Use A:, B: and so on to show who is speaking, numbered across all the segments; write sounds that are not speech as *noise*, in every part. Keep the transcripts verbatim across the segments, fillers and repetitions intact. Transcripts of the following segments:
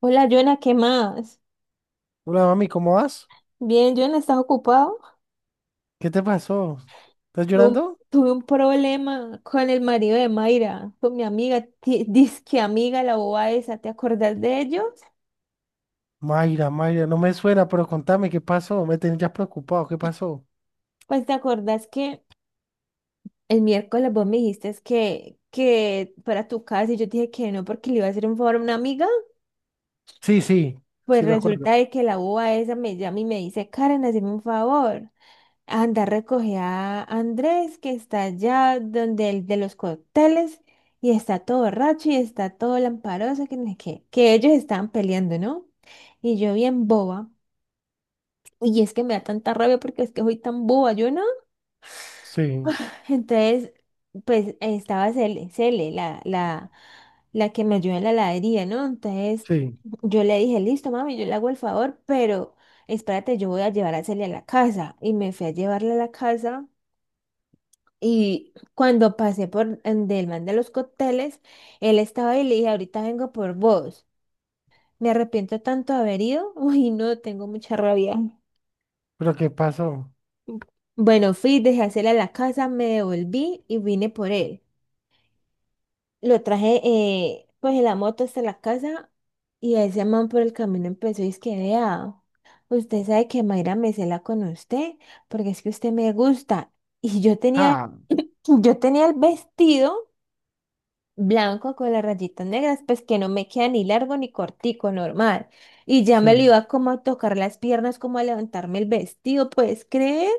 A: Hola, Jonah, ¿qué más?
B: Hola mami, ¿cómo vas?
A: Bien, Jonah, ¿estás ocupado?
B: ¿Qué te pasó? ¿Estás
A: Tuve un,
B: llorando?
A: tuve un problema con el marido de Mayra, con mi amiga, ti- *laughs* disque amiga, la boba esa. ¿Te acordás de ellos?
B: Mayra, Mayra, no me suena, pero contame qué pasó. Me tenías preocupado, ¿qué pasó?
A: Pues te acordás que el miércoles vos me dijiste es que, que para tu casa y yo te dije que no porque le iba a hacer un favor a una amiga.
B: Sí, sí,
A: Pues
B: sí me acuerdo.
A: resulta de que la boba esa me llama y me dice, Karen, hazme un favor. Anda, recoge a Andrés, que está allá donde el de los cócteles, y está todo borracho y está todo lamparoso, que no sé qué, que ellos estaban peleando, ¿no? Y yo bien boba, y es que me da tanta rabia porque es que soy tan boba, yo no. *laughs*
B: Sí,
A: *sighs* Entonces, pues estaba Cele, Cele, la, la, la que me ayuda en la heladería, ¿no? Entonces,
B: sí,
A: yo le dije, listo, mami, yo le hago el favor, pero espérate, yo voy a llevar a Cele a la casa. Y me fui a llevarla a la casa. Y cuando pasé por en- del man de los cócteles, él estaba y le dije, ahorita vengo por vos. Me arrepiento tanto de haber ido. *laughs* Uy, no, tengo mucha rabia.
B: pero ¿qué pasó?
A: Bueno, fui, dejé hacerle a la casa, me devolví y vine por él. Lo traje eh, pues en la moto hasta la casa y ese man por el camino empezó y es que vea, usted sabe que Mayra me cela con usted porque es que usted me gusta. Y yo tenía,
B: Ah,
A: *laughs* yo tenía el vestido blanco con las rayitas negras, pues que no me queda ni largo ni cortico, normal. Y ya me lo
B: sí.
A: iba como a tocar las piernas, como a levantarme el vestido, ¿puedes creer?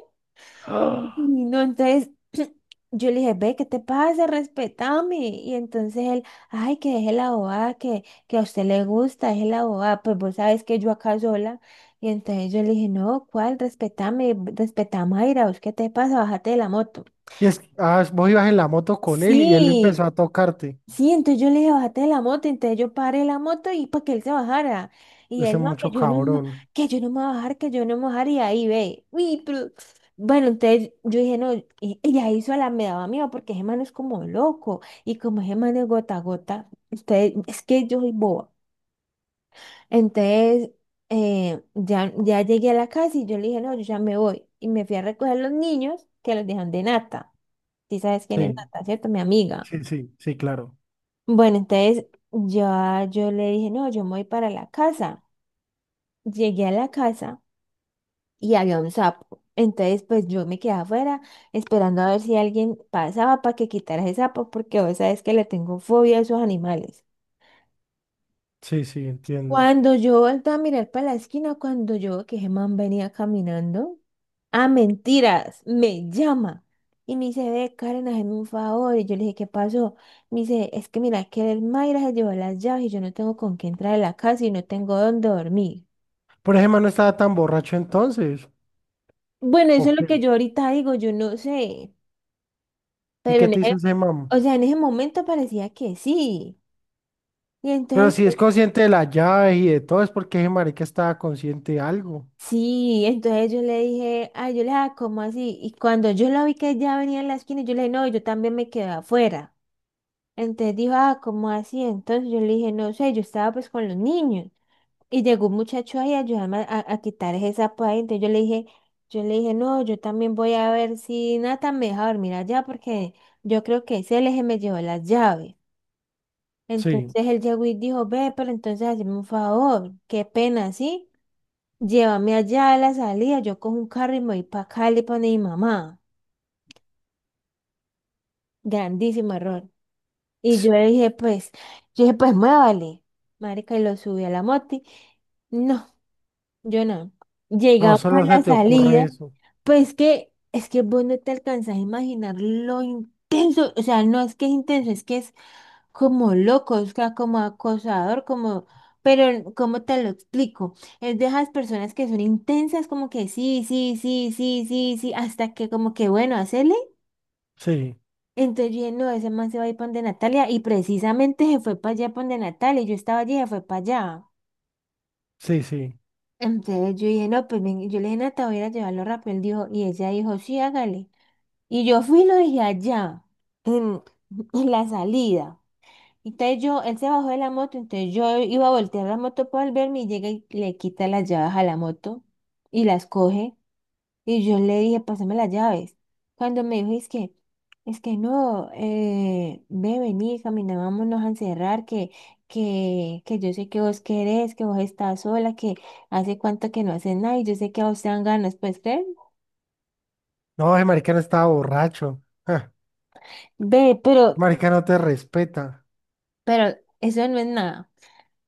B: Ah,
A: Y no, entonces *clears throat* yo le dije, ve, ¿qué te pasa? Respetame. Y entonces él, ay, que deje la bobada, que, que a usted le gusta, deje la bobada, pues vos sabes que yo acá sola. Y entonces yo le dije, no, ¿cuál? Respetame, respetame, Mayra, ¿vos qué te pasa? Bájate de la moto.
B: y es, ah, ¿vos ibas en la moto con él y él
A: Sí.
B: empezó a tocarte?
A: Sí, entonces yo le dije, bájate de la moto, entonces yo paré la moto y para que él se bajara. Y
B: Ese
A: él, no, que
B: mucho
A: yo no, me-
B: cabrón.
A: que yo no me voy a bajar, que yo no me voy a bajar, y ahí ve. Uy, pero... Bueno, entonces yo dije, no, y, y ahí sola me daba miedo, porque ese man es como loco, y como ese man es gota a gota, entonces, es que yo soy boba. Entonces, eh, ya, ya llegué a la casa y yo le dije, no, yo ya me voy. Y me fui a recoger los niños que los dejan de Nata. Si sabes quién es
B: Sí,
A: Nata, ¿cierto? Mi amiga.
B: sí, sí, sí, claro.
A: Bueno, entonces ya yo le dije, no, yo me voy para la casa. Llegué a la casa y había un sapo. Entonces, pues yo me quedé afuera esperando a ver si alguien pasaba para que quitara ese sapo, porque vos sabes que le tengo fobia a esos animales.
B: Sí, sí, entiendo.
A: Cuando yo volteé a mirar para la esquina, cuando yo que Germán venía caminando, ah, mentiras, me llama y me dice, ve, Karen, hazme un favor. Y yo le dije, ¿qué pasó? Me dice, es que mira, que el Mayra se llevó las llaves y yo no tengo con qué entrar a la casa y no tengo dónde dormir.
B: Pero ese man no estaba tan borracho entonces.
A: Bueno, eso
B: ¿O
A: es lo
B: qué?
A: que yo ahorita digo, yo no sé,
B: ¿Y
A: pero
B: qué
A: en
B: te
A: ese,
B: dice ese man?
A: o sea, en ese momento parecía que sí. Y
B: Pero
A: entonces
B: si es consciente de la llave y de todo, es porque ese marica estaba consciente de algo.
A: sí, entonces yo le dije, ay, yo le dije, ah, ¿cómo así? Y cuando yo la vi que ya venía en la esquina, yo le dije, no, yo también me quedé afuera. Entonces dijo, ah, ¿cómo así? Entonces yo le dije, no sé, yo estaba pues con los niños. Y llegó un muchacho ahí a ayudarme a, a- a quitar ese sapo ahí. Entonces yo le dije, yo le dije, no, yo también voy a ver si Nathan me deja dormir allá porque yo creo que ese eje me llevó las llaves.
B: Sí.
A: Entonces él llegó y dijo, ve, pero entonces hazme un favor, qué pena, ¿sí? Llévame allá a la salida, yo cojo un carro y me voy para Cali para mi mamá. Grandísimo error. Y yo le dije, pues, yo dije, pues muévale. Marica, y lo subí a la moti. No, yo no.
B: No,
A: Llegamos
B: solo
A: a
B: se
A: la
B: te ocurre
A: salida.
B: eso.
A: Pues que, es que vos no te alcanzas a imaginar lo intenso, o sea, no es que es intenso, es que es como loco, o sea, como acosador, como, pero ¿cómo te lo explico? Es de esas personas que son intensas, como que sí, sí, sí, sí, sí, sí, hasta que como que bueno, hacele.
B: Sí,
A: Entonces yo dije, no, ese man se va a ir para donde Natalia, y precisamente se fue para allá para donde Natalia, y yo estaba allí, y se fue para allá.
B: sí, sí.
A: Entonces yo dije, no, pues ven, yo le dije, Nata, voy a ir a llevarlo rápido, él dijo, y ella dijo, sí, hágale. Y yo fui y lo dejé allá, en, *laughs* en la salida. Entonces yo, él se bajó de la moto, entonces yo iba a voltear la moto para volverme y llega y le quita las llaves a la moto y las coge. Y yo le dije, pásame las llaves. Cuando me dijo, es que, es que no, eh, ve, vení, camina, vámonos a encerrar, que, que, que yo sé que vos querés, que vos estás sola, que hace cuánto que no haces nada y yo sé que a vos te dan ganas, pues, ¿crees?
B: No, ese marica no estaba borracho. Ja,
A: Ve, pero,
B: marica no te respeta.
A: pero eso no es nada.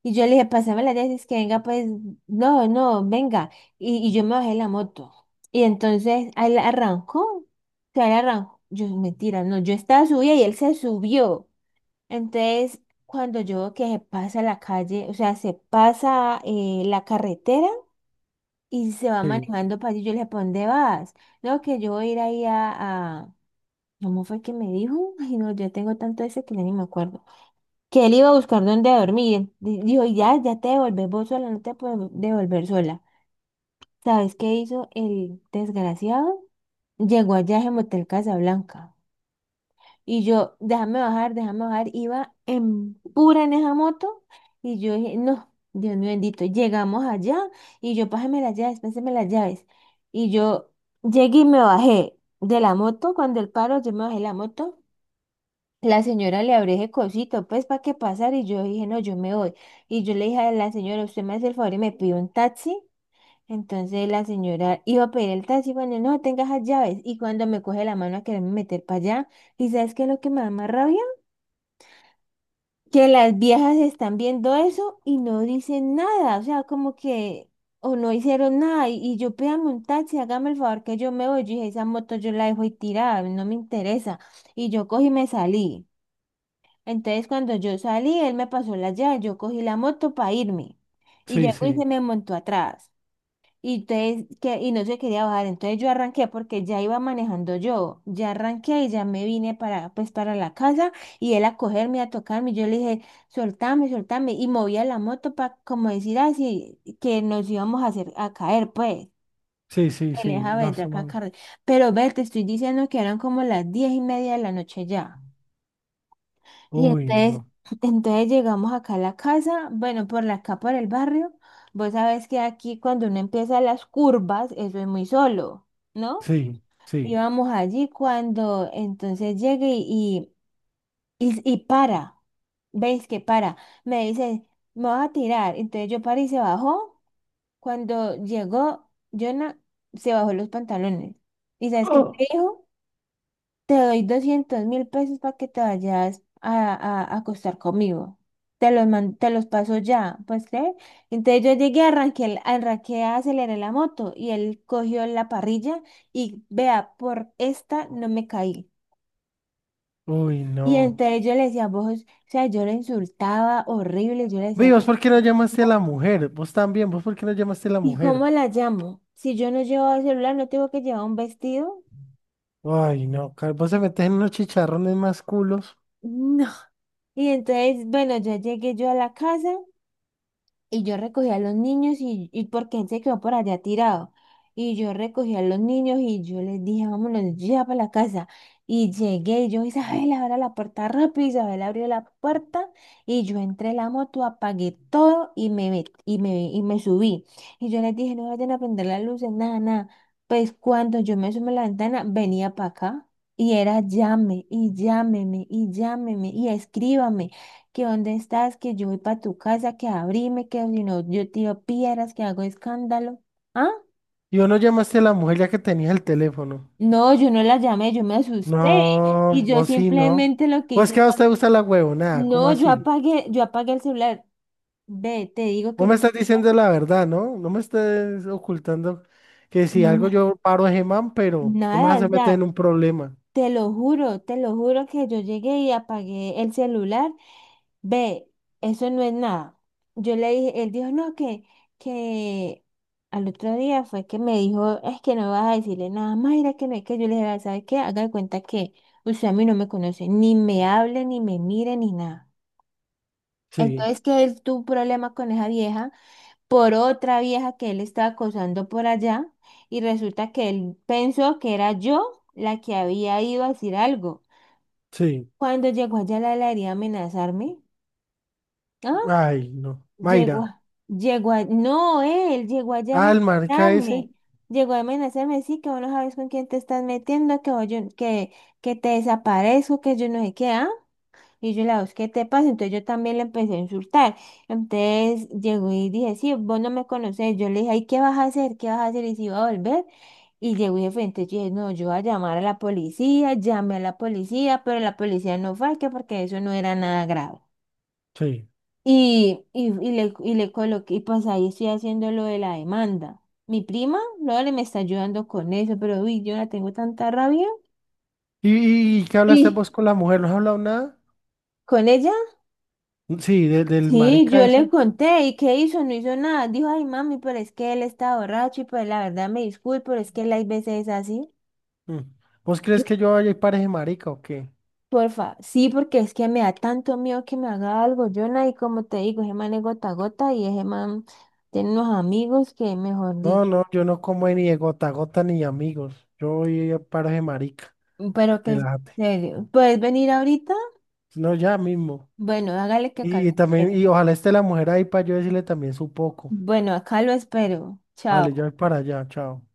A: Y yo le dije, pasame las dices que venga, pues, no, no, venga. Y, y yo me bajé de la moto. Y entonces él arrancó, o sea, él arrancó. Yo, mentira, no, yo estaba subida y él se subió. Entonces, cuando yo veo que se pasa la calle, o sea, se pasa eh, la carretera y se va
B: Sí,
A: manejando para allí, yo le dije, ¿para dónde vas? No, que yo voy a ir ahí a, a... ¿Cómo fue que me dijo? Ay, no, yo tengo tanto ese que ya ni me acuerdo que él iba a buscar dónde dormir. Di- Dijo, ya, ya te devolvés vos sola, no te puedo devolver sola. ¿Sabes qué hizo el desgraciado? Llegó allá en Motel Casablanca. Y yo, déjame bajar, déjame bajar. Iba en pura en esa moto. Y yo dije, no, Dios mío bendito. Llegamos allá y yo, pásame las llaves, pásame las llaves. Y yo llegué y me bajé de la moto. Cuando el paro, yo me bajé de la moto. La señora le abre ese cosito, pues para qué pasar. Y yo dije, no, yo me voy. Y yo le dije a la señora, usted me hace el favor y me pide un taxi. Entonces la señora iba a pedir el taxi, bueno, no, tenga esas llaves. Y cuando me coge la mano a quererme meter para allá, ¿y sabes qué es lo que me da más rabia? Que las viejas están viendo eso y no dicen nada, o sea, como que, o no hicieron nada. Y, y yo pídame un taxi, hágame el favor que yo me voy. Yo dije, esa moto yo la dejo ahí tirada, no me interesa. Y yo cogí y me salí. Entonces, cuando yo salí, él me pasó la llave, yo cogí la moto para irme. Y
B: sí,
A: llegó y
B: sí.
A: se me montó atrás. Y, entonces, que, y no se quería bajar. Entonces yo arranqué porque ya iba manejando yo. Ya arranqué y ya me vine para, pues, para la casa. Y él a cogerme, a tocarme. Yo le dije, soltame, soltame. Y movía la moto para como decir así, que nos íbamos a hacer a caer, pues.
B: Sí, sí,
A: Él
B: sí.
A: deja
B: No,
A: ver de acá,
B: somos...
A: Carlos. Pero ve, te estoy diciendo que eran como las diez y media de la noche ya. Y
B: Uy,
A: entonces,
B: no.
A: *clears throat* entonces llegamos acá a la casa, bueno, por la acá por el barrio. Vos sabés que aquí cuando uno empieza las curvas, eso es muy solo, ¿no?
B: Sí, sí.
A: Íbamos allí cuando entonces llegue y, y, y para, veis que para, me dice, me vas a tirar. Entonces yo paré y se bajó. Cuando llegó, Jonah se bajó los pantalones. ¿Y sabes qué me
B: Oh.
A: dijo? Te doy doscientos mil pesos para que te vayas a, a, a acostar conmigo. Te los, man- te los paso ya, ¿pues creer? Entonces yo llegué, arranqué, el- arranqué, aceleré la moto y él cogió la parrilla y vea, por esta no me caí.
B: Uy,
A: Y
B: no.
A: entonces yo le decía, vos, o sea, yo le insultaba horrible, yo le decía,
B: Vi, ¿vos por qué no llamaste a la
A: *laughs*
B: mujer? Vos también, ¿vos por qué no llamaste a la
A: ¿y
B: mujer?
A: cómo la llamo? Si yo no llevo el celular, ¿no tengo que llevar un vestido?
B: Ay, no, car- vos se metes en unos chicharrones más culos.
A: *laughs* No. Y entonces, bueno, yo llegué yo a la casa. Y yo recogía a los niños y, y porque él se quedó por allá tirado. Y yo recogí a los niños y yo les dije, vámonos ya para la casa. Y llegué y yo, Isabel, abre la puerta rápido. Isabel abrió la puerta y yo entré en la moto, apagué todo y me, met- y me, y me subí. Y yo les dije, no vayan a prender las luces, nada, nada. Pues cuando yo me asomé a la ventana, venía para acá. Y era llame, y llámeme, y llámeme, y escríbame que dónde estás, que yo voy para tu casa, que abrime, que si no yo tiro piedras, que hago escándalo. ¿Ah?
B: Y vos no llamaste a la mujer ya que tenías el teléfono.
A: No, yo no la llamé, yo me asusté y
B: No,
A: yo
B: vos sí, no.
A: simplemente lo que
B: Pues
A: hice
B: que a
A: fue,
B: vos te gusta la huevonada, ¿cómo
A: no, yo
B: así?
A: apagué, yo apagué el celular. Ve, te digo
B: Vos
A: que
B: me
A: yo
B: estás diciendo la verdad, ¿no? No me estés ocultando que si algo
A: na-
B: yo paro a Gemán, pero no me
A: nada,
B: vas
A: o
B: a meter en
A: sea,
B: un problema.
A: te lo juro, te lo juro que yo llegué y apagué el celular. Ve, eso no es nada. Yo le dije, él dijo, no, que, que al otro día fue que me dijo, es que no vas a decirle nada, Mayra, que no es que yo le dije, ¿sabes qué? Haga de cuenta que usted a mí no me conoce, ni me hable, ni me mire, ni nada.
B: Sí,
A: Entonces que él tuvo un problema con esa vieja por otra vieja que él estaba acosando por allá y resulta que él pensó que era yo la que había ido a decir algo.
B: sí.
A: Cuando llegó allá la le haría amenazarme. ¿Ah?
B: Ay, no.
A: Llegó,
B: Mayra.
A: a- llegó a, no, Él llegó allá a
B: Ah, el marica ese.
A: amenazarme. Llegó a amenazarme, sí, que vos no sabes con quién te estás metiendo, que, vos yo- que, que te desaparezco, que yo no sé qué, ¿ah? Y yo la voz, ¿qué te pasa? Entonces yo también le empecé a insultar. Entonces llegó y dije, sí, vos no me conocés. Yo le dije, ay, ¿qué vas a hacer? ¿Qué vas a hacer? Y si iba a volver. Y llegó y de frente, yo dije, no, yo voy a llamar a la policía, llamé a la policía, pero la policía no fue, que porque eso no era nada grave.
B: Sí.
A: Y, y, y le, y le coloqué, y pues ahí estoy haciendo lo de la demanda. Mi prima, Lore, me está ayudando con eso, pero uy, yo la tengo tanta rabia.
B: ¿Y, y- y qué hablaste
A: Y
B: vos con la mujer? ¿No has hablado nada?
A: ¿con ella?
B: Sí, de- del
A: Sí,
B: marica
A: yo le
B: ese.
A: conté, ¿y qué hizo? No hizo nada. Dijo, ay, mami, pero es que él está borracho y pues la verdad me disculpo, pero es que él hay veces es así.
B: Mm. ¿Vos crees que yo vaya y pare ese marica o qué?
A: Porfa, sí, porque es que me da tanto miedo que me haga algo, Jonah, y como te digo, ese man es gota a gota y ese man tiene unos amigos que, mejor
B: No,
A: dicho.
B: no, yo no como ni de gota a gota ni de amigos. Yo voy a paros de marica.
A: Pero que en
B: Relájate.
A: serio, ¿puedes venir ahorita?
B: No, ya mismo.
A: Bueno, hágale que acá
B: Y,
A: lo
B: también,
A: espero.
B: y ojalá esté la mujer ahí para yo decirle también su poco.
A: Bueno, acá lo espero.
B: Vale, ya
A: Chao.
B: voy para allá, chao.